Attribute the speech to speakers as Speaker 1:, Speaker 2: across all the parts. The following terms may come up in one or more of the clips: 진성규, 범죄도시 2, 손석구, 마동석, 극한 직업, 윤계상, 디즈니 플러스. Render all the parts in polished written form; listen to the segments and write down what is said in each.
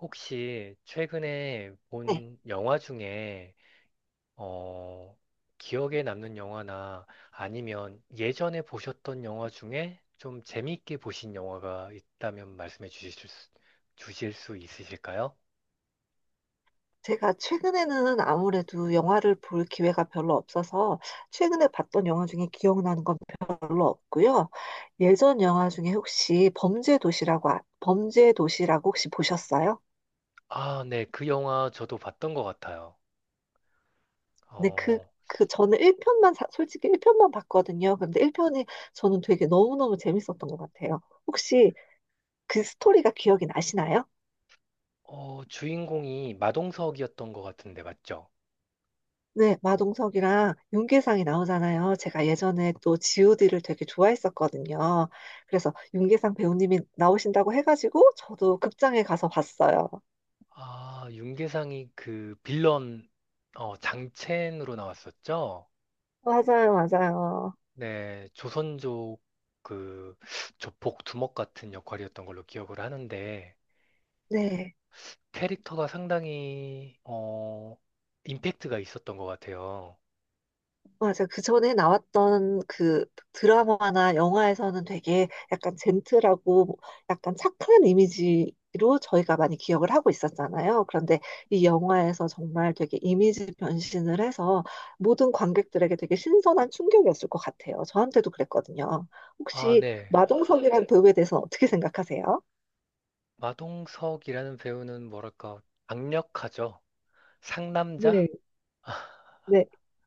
Speaker 1: 혹시 최근에
Speaker 2: 네,
Speaker 1: 본 영화 중에 어, 기억에 남는 영화나 아니면 예전에 보셨던 영화 중에 좀 재미있게 보신 영화가 있다면 말씀해 주실 수, 주실 수 있으실까요?
Speaker 2: 제가 최근에는 아무래도 영화를 볼 기회가 별로 없어서 최근에 봤던 영화 중에 기억나는 건 별로 없고요. 예전 영화 중에 혹시 범죄 도시라고 혹시 보셨어요?
Speaker 1: 아, 네. 그 영화 저도 봤던 것 같아요.
Speaker 2: 근데 그
Speaker 1: 어,
Speaker 2: 그 저는 일편만 솔직히 1편만 봤거든요. 근데 1편이 저는 되게 너무너무 재밌었던 것 같아요. 혹시 그 스토리가 기억이 나시나요?
Speaker 1: 주인공이 마동석이었던 것 같은데 맞죠?
Speaker 2: 네, 마동석이랑 윤계상이 나오잖아요. 제가 예전에 또 GOD를 되게 좋아했었거든요. 그래서 윤계상 배우님이 나오신다고 해가지고 저도 극장에 가서 봤어요.
Speaker 1: 아, 윤계상이 그 빌런 장첸으로 나왔었죠?
Speaker 2: 맞아요, 맞아요.
Speaker 1: 네, 조선족 그 조폭 두목 같은 역할이었던 걸로 기억을 하는데
Speaker 2: 네.
Speaker 1: 캐릭터가 상당히 임팩트가 있었던 것 같아요.
Speaker 2: 맞아. 그 전에 나왔던 그 드라마나 영화에서는 되게 약간 젠틀하고 뭐 약간 착한 이미지로 저희가 많이 기억을 하고 있었잖아요. 그런데 이 영화에서 정말 되게 이미지 변신을 해서 모든 관객들에게 되게 신선한 충격이었을 것 같아요. 저한테도 그랬거든요.
Speaker 1: 아,
Speaker 2: 혹시
Speaker 1: 네.
Speaker 2: 마동석이란 배우에 대해서 어떻게 생각하세요?
Speaker 1: 마동석이라는 배우는 뭐랄까 강력하죠. 상남자?
Speaker 2: 네, 네,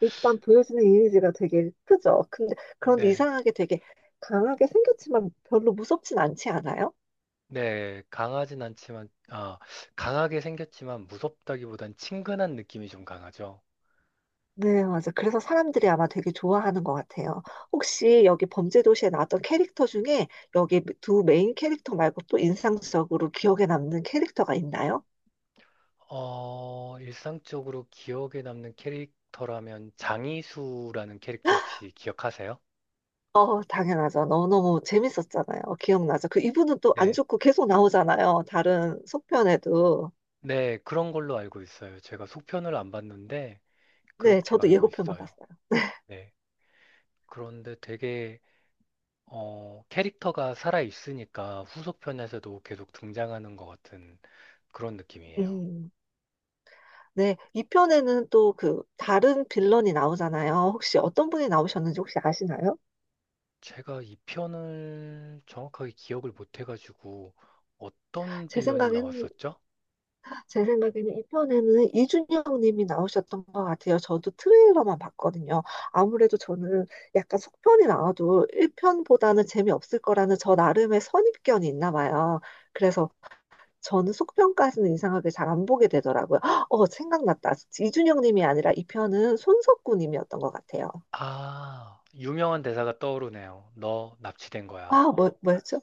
Speaker 2: 일단 보여지는 이미지가 되게 크죠. 근데, 그런데
Speaker 1: 네.
Speaker 2: 이상하게 되게 강하게 생겼지만 별로 무섭진 않지 않아요?
Speaker 1: 네, 강하진 않지만 강하게 생겼지만 무섭다기보단 친근한 느낌이 좀 강하죠.
Speaker 2: 네, 맞아. 그래서 사람들이 아마 되게 좋아하는 것 같아요. 혹시 여기 범죄도시에 나왔던 캐릭터 중에 여기 두 메인 캐릭터 말고 또 인상적으로 기억에 남는 캐릭터가 있나요?
Speaker 1: 어, 일상적으로 기억에 남는 캐릭터라면 장이수라는 캐릭터 혹시 기억하세요?
Speaker 2: 어, 당연하죠. 너무너무 재밌었잖아요. 기억나죠. 그 이분은 또 안
Speaker 1: 네.
Speaker 2: 죽고 계속 나오잖아요. 다른 속편에도.
Speaker 1: 네, 그런 걸로 알고 있어요. 제가 속편을 안 봤는데
Speaker 2: 네,
Speaker 1: 그렇게
Speaker 2: 저도
Speaker 1: 알고
Speaker 2: 예고편만
Speaker 1: 있어요.
Speaker 2: 봤어요.
Speaker 1: 네. 그런데 되게 캐릭터가 살아 있으니까 후속편에서도 계속 등장하는 것 같은 그런 느낌이에요.
Speaker 2: 음. 네, 이편에는 또 그 다른 빌런이 나오잖아요. 혹시 어떤 분이 나오셨는지 혹시 아시나요?
Speaker 1: 제가 이 편을 정확하게 기억을 못 해가지고 어떤
Speaker 2: 제
Speaker 1: 빌런이
Speaker 2: 생각엔
Speaker 1: 나왔었죠?
Speaker 2: 제 생각에는 이편에는 이준영 님이 나오셨던 것 같아요. 저도 트레일러만 봤거든요. 아무래도 저는 약간 속편이 나와도 1편보다는 재미없을 거라는 저 나름의 선입견이 있나 봐요. 그래서 저는 속편까지는 이상하게 잘 안 보게 되더라고요. 어, 생각났다. 이준영 님이 아니라 이 편은 손석구 님이었던 것 같아요.
Speaker 1: 아, 유명한 대사가 떠오르네요. 너 납치된 거야.
Speaker 2: 아, 뭐였죠?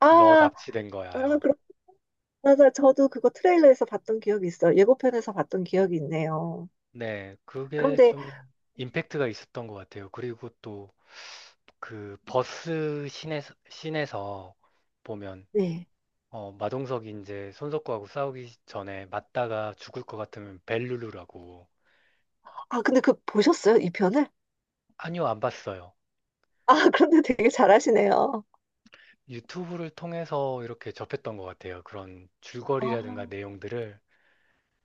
Speaker 2: 아,
Speaker 1: 너 납치된
Speaker 2: 아,
Speaker 1: 거야요.
Speaker 2: 그렇 맞아. 저도 그거 트레일러에서 봤던 기억이 있어요. 예고편에서 봤던 기억이 있네요.
Speaker 1: 네, 그게
Speaker 2: 그런데,
Speaker 1: 좀 임팩트가 있었던 것 같아요. 그리고 또 그 버스 씬에서 보면
Speaker 2: 네.
Speaker 1: 어, 마동석이 이제 손석구하고 싸우기 전에 맞다가 죽을 것 같으면 벨루루라고.
Speaker 2: 아, 근데 그 보셨어요? 이 편을?
Speaker 1: 아니요, 안 봤어요.
Speaker 2: 아, 그런데 되게 잘하시네요.
Speaker 1: 유튜브를 통해서 이렇게 접했던 것 같아요. 그런 줄거리라든가
Speaker 2: 아,
Speaker 1: 내용들을.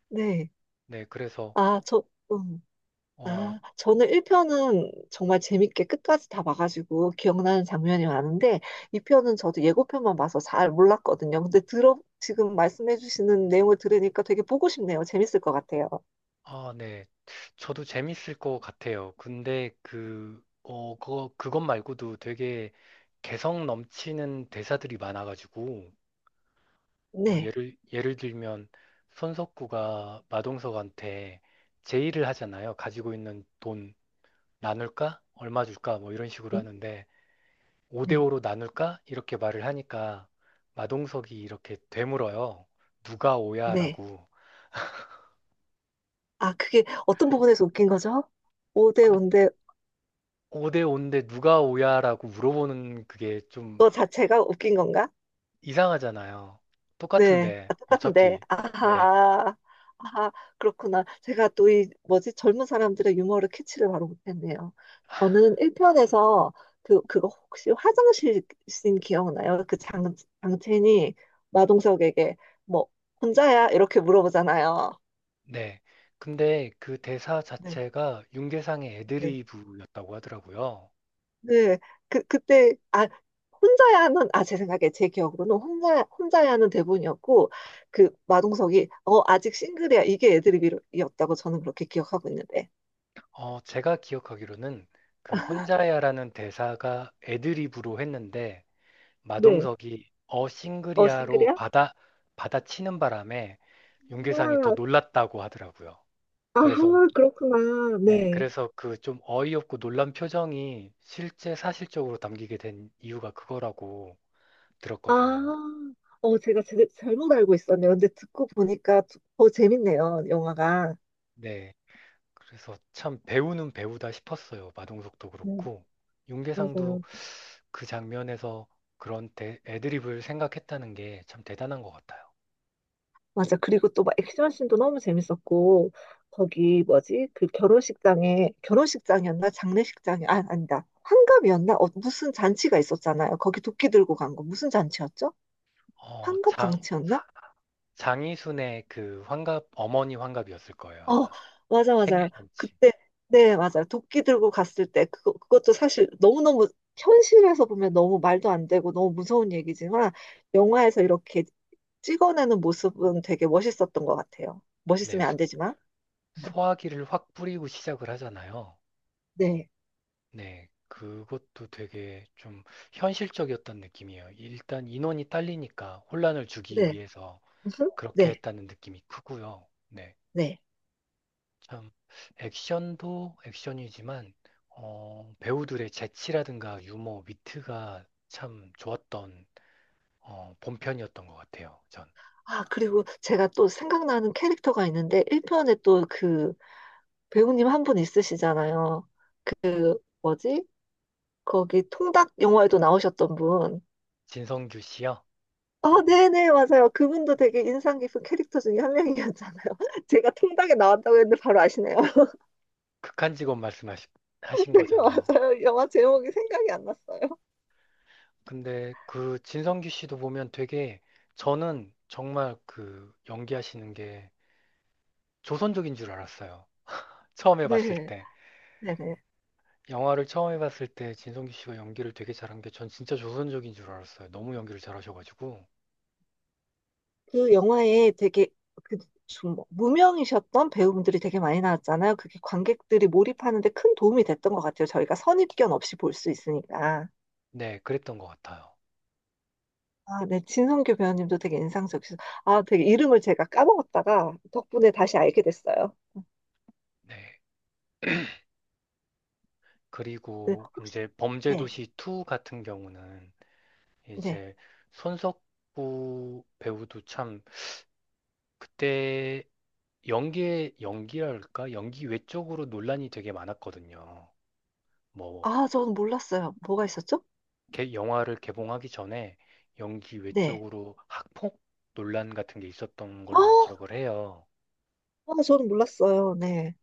Speaker 2: 네.
Speaker 1: 네, 그래서
Speaker 2: 아, 저, 음.
Speaker 1: 어,
Speaker 2: 아, 저는 1편은 정말 재밌게 끝까지 다 봐가지고 기억나는 장면이 많은데, 2편은 저도 예고편만 봐서 잘 몰랐거든요. 근데 지금 말씀해주시는 내용을 들으니까 되게 보고 싶네요. 재밌을 것 같아요.
Speaker 1: 아, 네. 저도 재밌을 것 같아요. 근데 그것 말고도 되게 개성 넘치는 대사들이 많아가지고, 어,
Speaker 2: 네.
Speaker 1: 예를 들면, 손석구가 마동석한테 제의를 하잖아요. 가지고 있는 돈 나눌까? 얼마 줄까? 뭐 이런 식으로
Speaker 2: 음?
Speaker 1: 하는데,
Speaker 2: 네.
Speaker 1: 5대5로 나눌까? 이렇게 말을 하니까, 마동석이 이렇게 되물어요. 누가 오야?
Speaker 2: 네.
Speaker 1: 라고.
Speaker 2: 아, 그게 어떤 부분에서 웃긴 거죠? 5대
Speaker 1: 아니,
Speaker 2: 5인데
Speaker 1: 5대5인데 누가 오야? 라고 물어보는 그게 좀
Speaker 2: 그거 자체가 웃긴 건가?
Speaker 1: 이상하잖아요.
Speaker 2: 네,
Speaker 1: 똑같은데,
Speaker 2: 아, 똑같은데,
Speaker 1: 어차피. 네,
Speaker 2: 아하, 아하, 그렇구나. 제가 또 이, 뭐지, 젊은 사람들의 유머를 캐치를 바로 못했네요. 저는 1편에서 그거 혹시 화장실 씬 기억나요? 그 장첸이 마동석에게 뭐, 혼자야? 이렇게 물어보잖아요.
Speaker 1: 네. 근데 그 대사
Speaker 2: 네,
Speaker 1: 자체가 윤계상의 애드리브였다고 하더라고요.
Speaker 2: 네, 그때, 아, 혼자야 하는, 아, 제 생각에, 제 기억으로는 혼자야 하는 대본이었고, 그 마동석이, 어, 아직 싱글이야. 이게 애드립이었다고 저는 그렇게 기억하고 있는데.
Speaker 1: 어, 제가 기억하기로는 그 혼자야라는 대사가 애드리브로 했는데,
Speaker 2: 네.
Speaker 1: 마동석이 어
Speaker 2: 어,
Speaker 1: 싱글이야로
Speaker 2: 싱글이야?
Speaker 1: 받아, 받아치는 바람에 윤계상이 더
Speaker 2: 와,
Speaker 1: 놀랐다고 하더라고요.
Speaker 2: 아,
Speaker 1: 그래서,
Speaker 2: 그렇구나.
Speaker 1: 네,
Speaker 2: 네.
Speaker 1: 그래서 그 좀 어이없고 놀란 표정이 실제 사실적으로 담기게 된 이유가 그거라고 들었거든요.
Speaker 2: 아, 어, 제가 잘못 알고 있었네요. 근데 듣고 보니까 더 재밌네요, 영화가.
Speaker 1: 네. 그래서 참 배우는 배우다 싶었어요. 마동석도
Speaker 2: 네,
Speaker 1: 그렇고 윤계상도
Speaker 2: 맞아요.
Speaker 1: 그 장면에서 그런 애드립을 생각했다는 게 참 대단한 것 같아요.
Speaker 2: 맞아. 그리고 또 막 액션씬도 너무 재밌었고, 거기 뭐지? 그 결혼식장에, 결혼식장이었나? 장례식장이, 아, 아니다. 환갑이었나? 어, 무슨 잔치가 있었잖아요. 거기 도끼 들고 간 거. 무슨 잔치였죠?
Speaker 1: 어,
Speaker 2: 환갑
Speaker 1: 장
Speaker 2: 잔치였나?
Speaker 1: 장이순의 그 환갑 어머니 환갑이었을 거예요,
Speaker 2: 어,
Speaker 1: 아마.
Speaker 2: 맞아, 맞아.
Speaker 1: 생일잔치.
Speaker 2: 그때, 네, 맞아. 도끼 들고 갔을 때, 그거, 그것도 사실 너무너무, 현실에서 보면 너무 말도 안 되고 너무 무서운 얘기지만, 영화에서 이렇게 찍어내는 모습은 되게 멋있었던 것 같아요.
Speaker 1: 네.
Speaker 2: 멋있으면 안 되지만.
Speaker 1: 소화기를 확 뿌리고 시작을 하잖아요.
Speaker 2: 네,
Speaker 1: 네. 그것도 되게 좀 현실적이었던 느낌이에요. 일단 인원이 딸리니까 혼란을 주기
Speaker 2: 네.
Speaker 1: 위해서
Speaker 2: 음,
Speaker 1: 그렇게
Speaker 2: 네,
Speaker 1: 했다는 느낌이 크고요. 네.
Speaker 2: 네.
Speaker 1: 참 액션도 액션이지만 어, 배우들의 재치라든가 유머, 위트가 참 좋았던 어, 본편이었던 것 같아요. 전
Speaker 2: 아, 그리고 제가 또 생각나는 캐릭터가 있는데, 1편에 또 그 배우님 한 분 있으시잖아요. 뭐지? 거기 통닭 영화에도 나오셨던 분.
Speaker 1: 진성규 씨요.
Speaker 2: 아, 네네, 맞아요. 그분도 되게 인상 깊은 캐릭터 중에 한 명이었잖아요. 제가 통닭에 나왔다고 했는데 바로 아시네요.
Speaker 1: 극한 직업 말씀하신
Speaker 2: 네,
Speaker 1: 거잖아요.
Speaker 2: 맞아요. 영화 제목이 생각이 안 났어요.
Speaker 1: 근데 그 진성규 씨도 보면 되게 저는 정말 그 연기하시는 게 조선족인 줄 알았어요. 처음에 봤을
Speaker 2: 네,
Speaker 1: 때
Speaker 2: 네네.
Speaker 1: 영화를 처음에 봤을 때 진성규 씨가 연기를 되게 잘한 게 전 진짜 조선족인 줄 알았어요. 너무 연기를 잘하셔가지고.
Speaker 2: 그 영화에 되게 그좀 뭐 무명이셨던 배우분들이 되게 많이 나왔잖아요. 그게 관객들이 몰입하는데 큰 도움이 됐던 것 같아요. 저희가 선입견 없이 볼 수 있으니까.
Speaker 1: 네, 그랬던 것 같아요.
Speaker 2: 아, 네. 진성규 배우님도 되게 인상적이셔서. 아, 되게 이름을 제가 까먹었다가 덕분에 다시 알게 됐어요.
Speaker 1: 네.
Speaker 2: 네.
Speaker 1: 그리고
Speaker 2: 혹시,
Speaker 1: 이제
Speaker 2: 네.
Speaker 1: 범죄도시 2 같은 경우는
Speaker 2: 네.
Speaker 1: 이제 손석구 배우도 참 그때 연기의 연기랄까? 연기 외적으로 논란이 되게 많았거든요. 뭐,
Speaker 2: 아, 저는 몰랐어요. 뭐가 있었죠?
Speaker 1: 영화를 개봉하기 전에 연기
Speaker 2: 네.
Speaker 1: 외적으로 학폭 논란 같은 게 있었던
Speaker 2: 아,
Speaker 1: 걸로 기억을 해요.
Speaker 2: 아, 저는 몰랐어요. 네.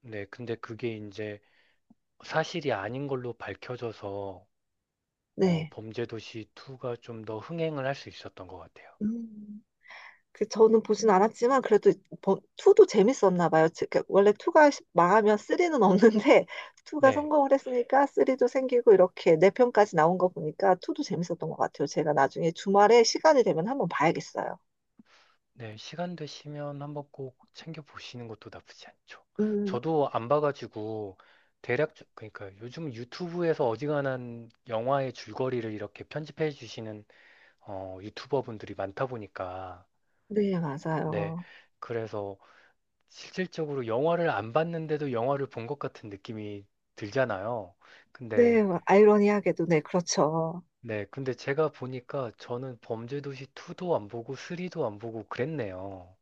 Speaker 1: 네, 근데 그게 이제 사실이 아닌 걸로 밝혀져서 어,
Speaker 2: 네.
Speaker 1: 범죄도시 2가 좀 더 흥행을 할 수 있었던 것 같아요.
Speaker 2: 음. 그 저는 보진 않았지만 그래도 2도 재밌었나 봐요. 즉, 그 원래 2가 망하면 3는 없는데 2가
Speaker 1: 네,
Speaker 2: 성공을 했으니까 3도 생기고 이렇게 4편까지 나온 거 보니까 2도 재밌었던 것 같아요. 제가 나중에 주말에 시간이 되면 한번 봐야겠어요.
Speaker 1: 네, 시간 되시면 한번 꼭 챙겨 보시는 것도 나쁘지 않죠.
Speaker 2: 음,
Speaker 1: 저도 안 봐가지고 대략 그러니까 요즘 유튜브에서 어지간한 영화의 줄거리를 이렇게 편집해 주시는 어, 유튜버분들이 많다 보니까
Speaker 2: 네,
Speaker 1: 네,
Speaker 2: 맞아요.
Speaker 1: 그래서 실질적으로 영화를 안 봤는데도 영화를 본 것 같은 느낌이 들잖아요. 근데
Speaker 2: 네, 아이러니하게도 네, 그렇죠.
Speaker 1: 네, 근데 제가 보니까 저는 범죄도시 2도 안 보고 3도 안 보고 그랬네요.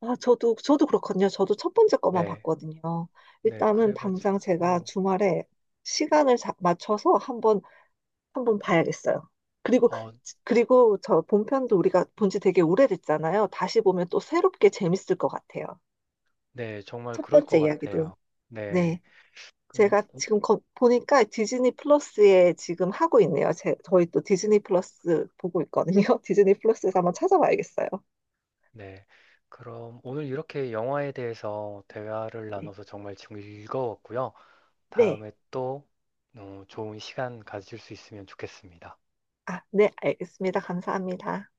Speaker 2: 아, 저도 그렇거든요. 저도 첫 번째 거만
Speaker 1: 네,
Speaker 2: 봤거든요.
Speaker 1: 네,
Speaker 2: 일단은 당장 제가
Speaker 1: 그래가지고,
Speaker 2: 주말에 시간을 맞춰서 한번 한 번 봐야겠어요. 그리고,
Speaker 1: 어,
Speaker 2: 그리고 저 본편도 우리가 본 지 되게 오래됐잖아요. 다시 보면 또 새롭게 재밌을 것 같아요.
Speaker 1: 네, 정말
Speaker 2: 첫
Speaker 1: 그럴 것
Speaker 2: 번째 이야기도.
Speaker 1: 같아요. 네,
Speaker 2: 네.
Speaker 1: 그,
Speaker 2: 제가 지금 보니까 디즈니 플러스에 지금 하고 있네요. 제, 저희 또 디즈니 플러스 보고 있거든요. 디즈니 플러스에서 한번 찾아봐야겠어요.
Speaker 1: 네. 그럼 오늘 이렇게 영화에 대해서 대화를
Speaker 2: 네.
Speaker 1: 나눠서 정말 즐거웠고요.
Speaker 2: 네.
Speaker 1: 다음에 또 어, 좋은 시간 가질 수 있으면 좋겠습니다.
Speaker 2: 아, 네. 알겠습니다. 감사합니다.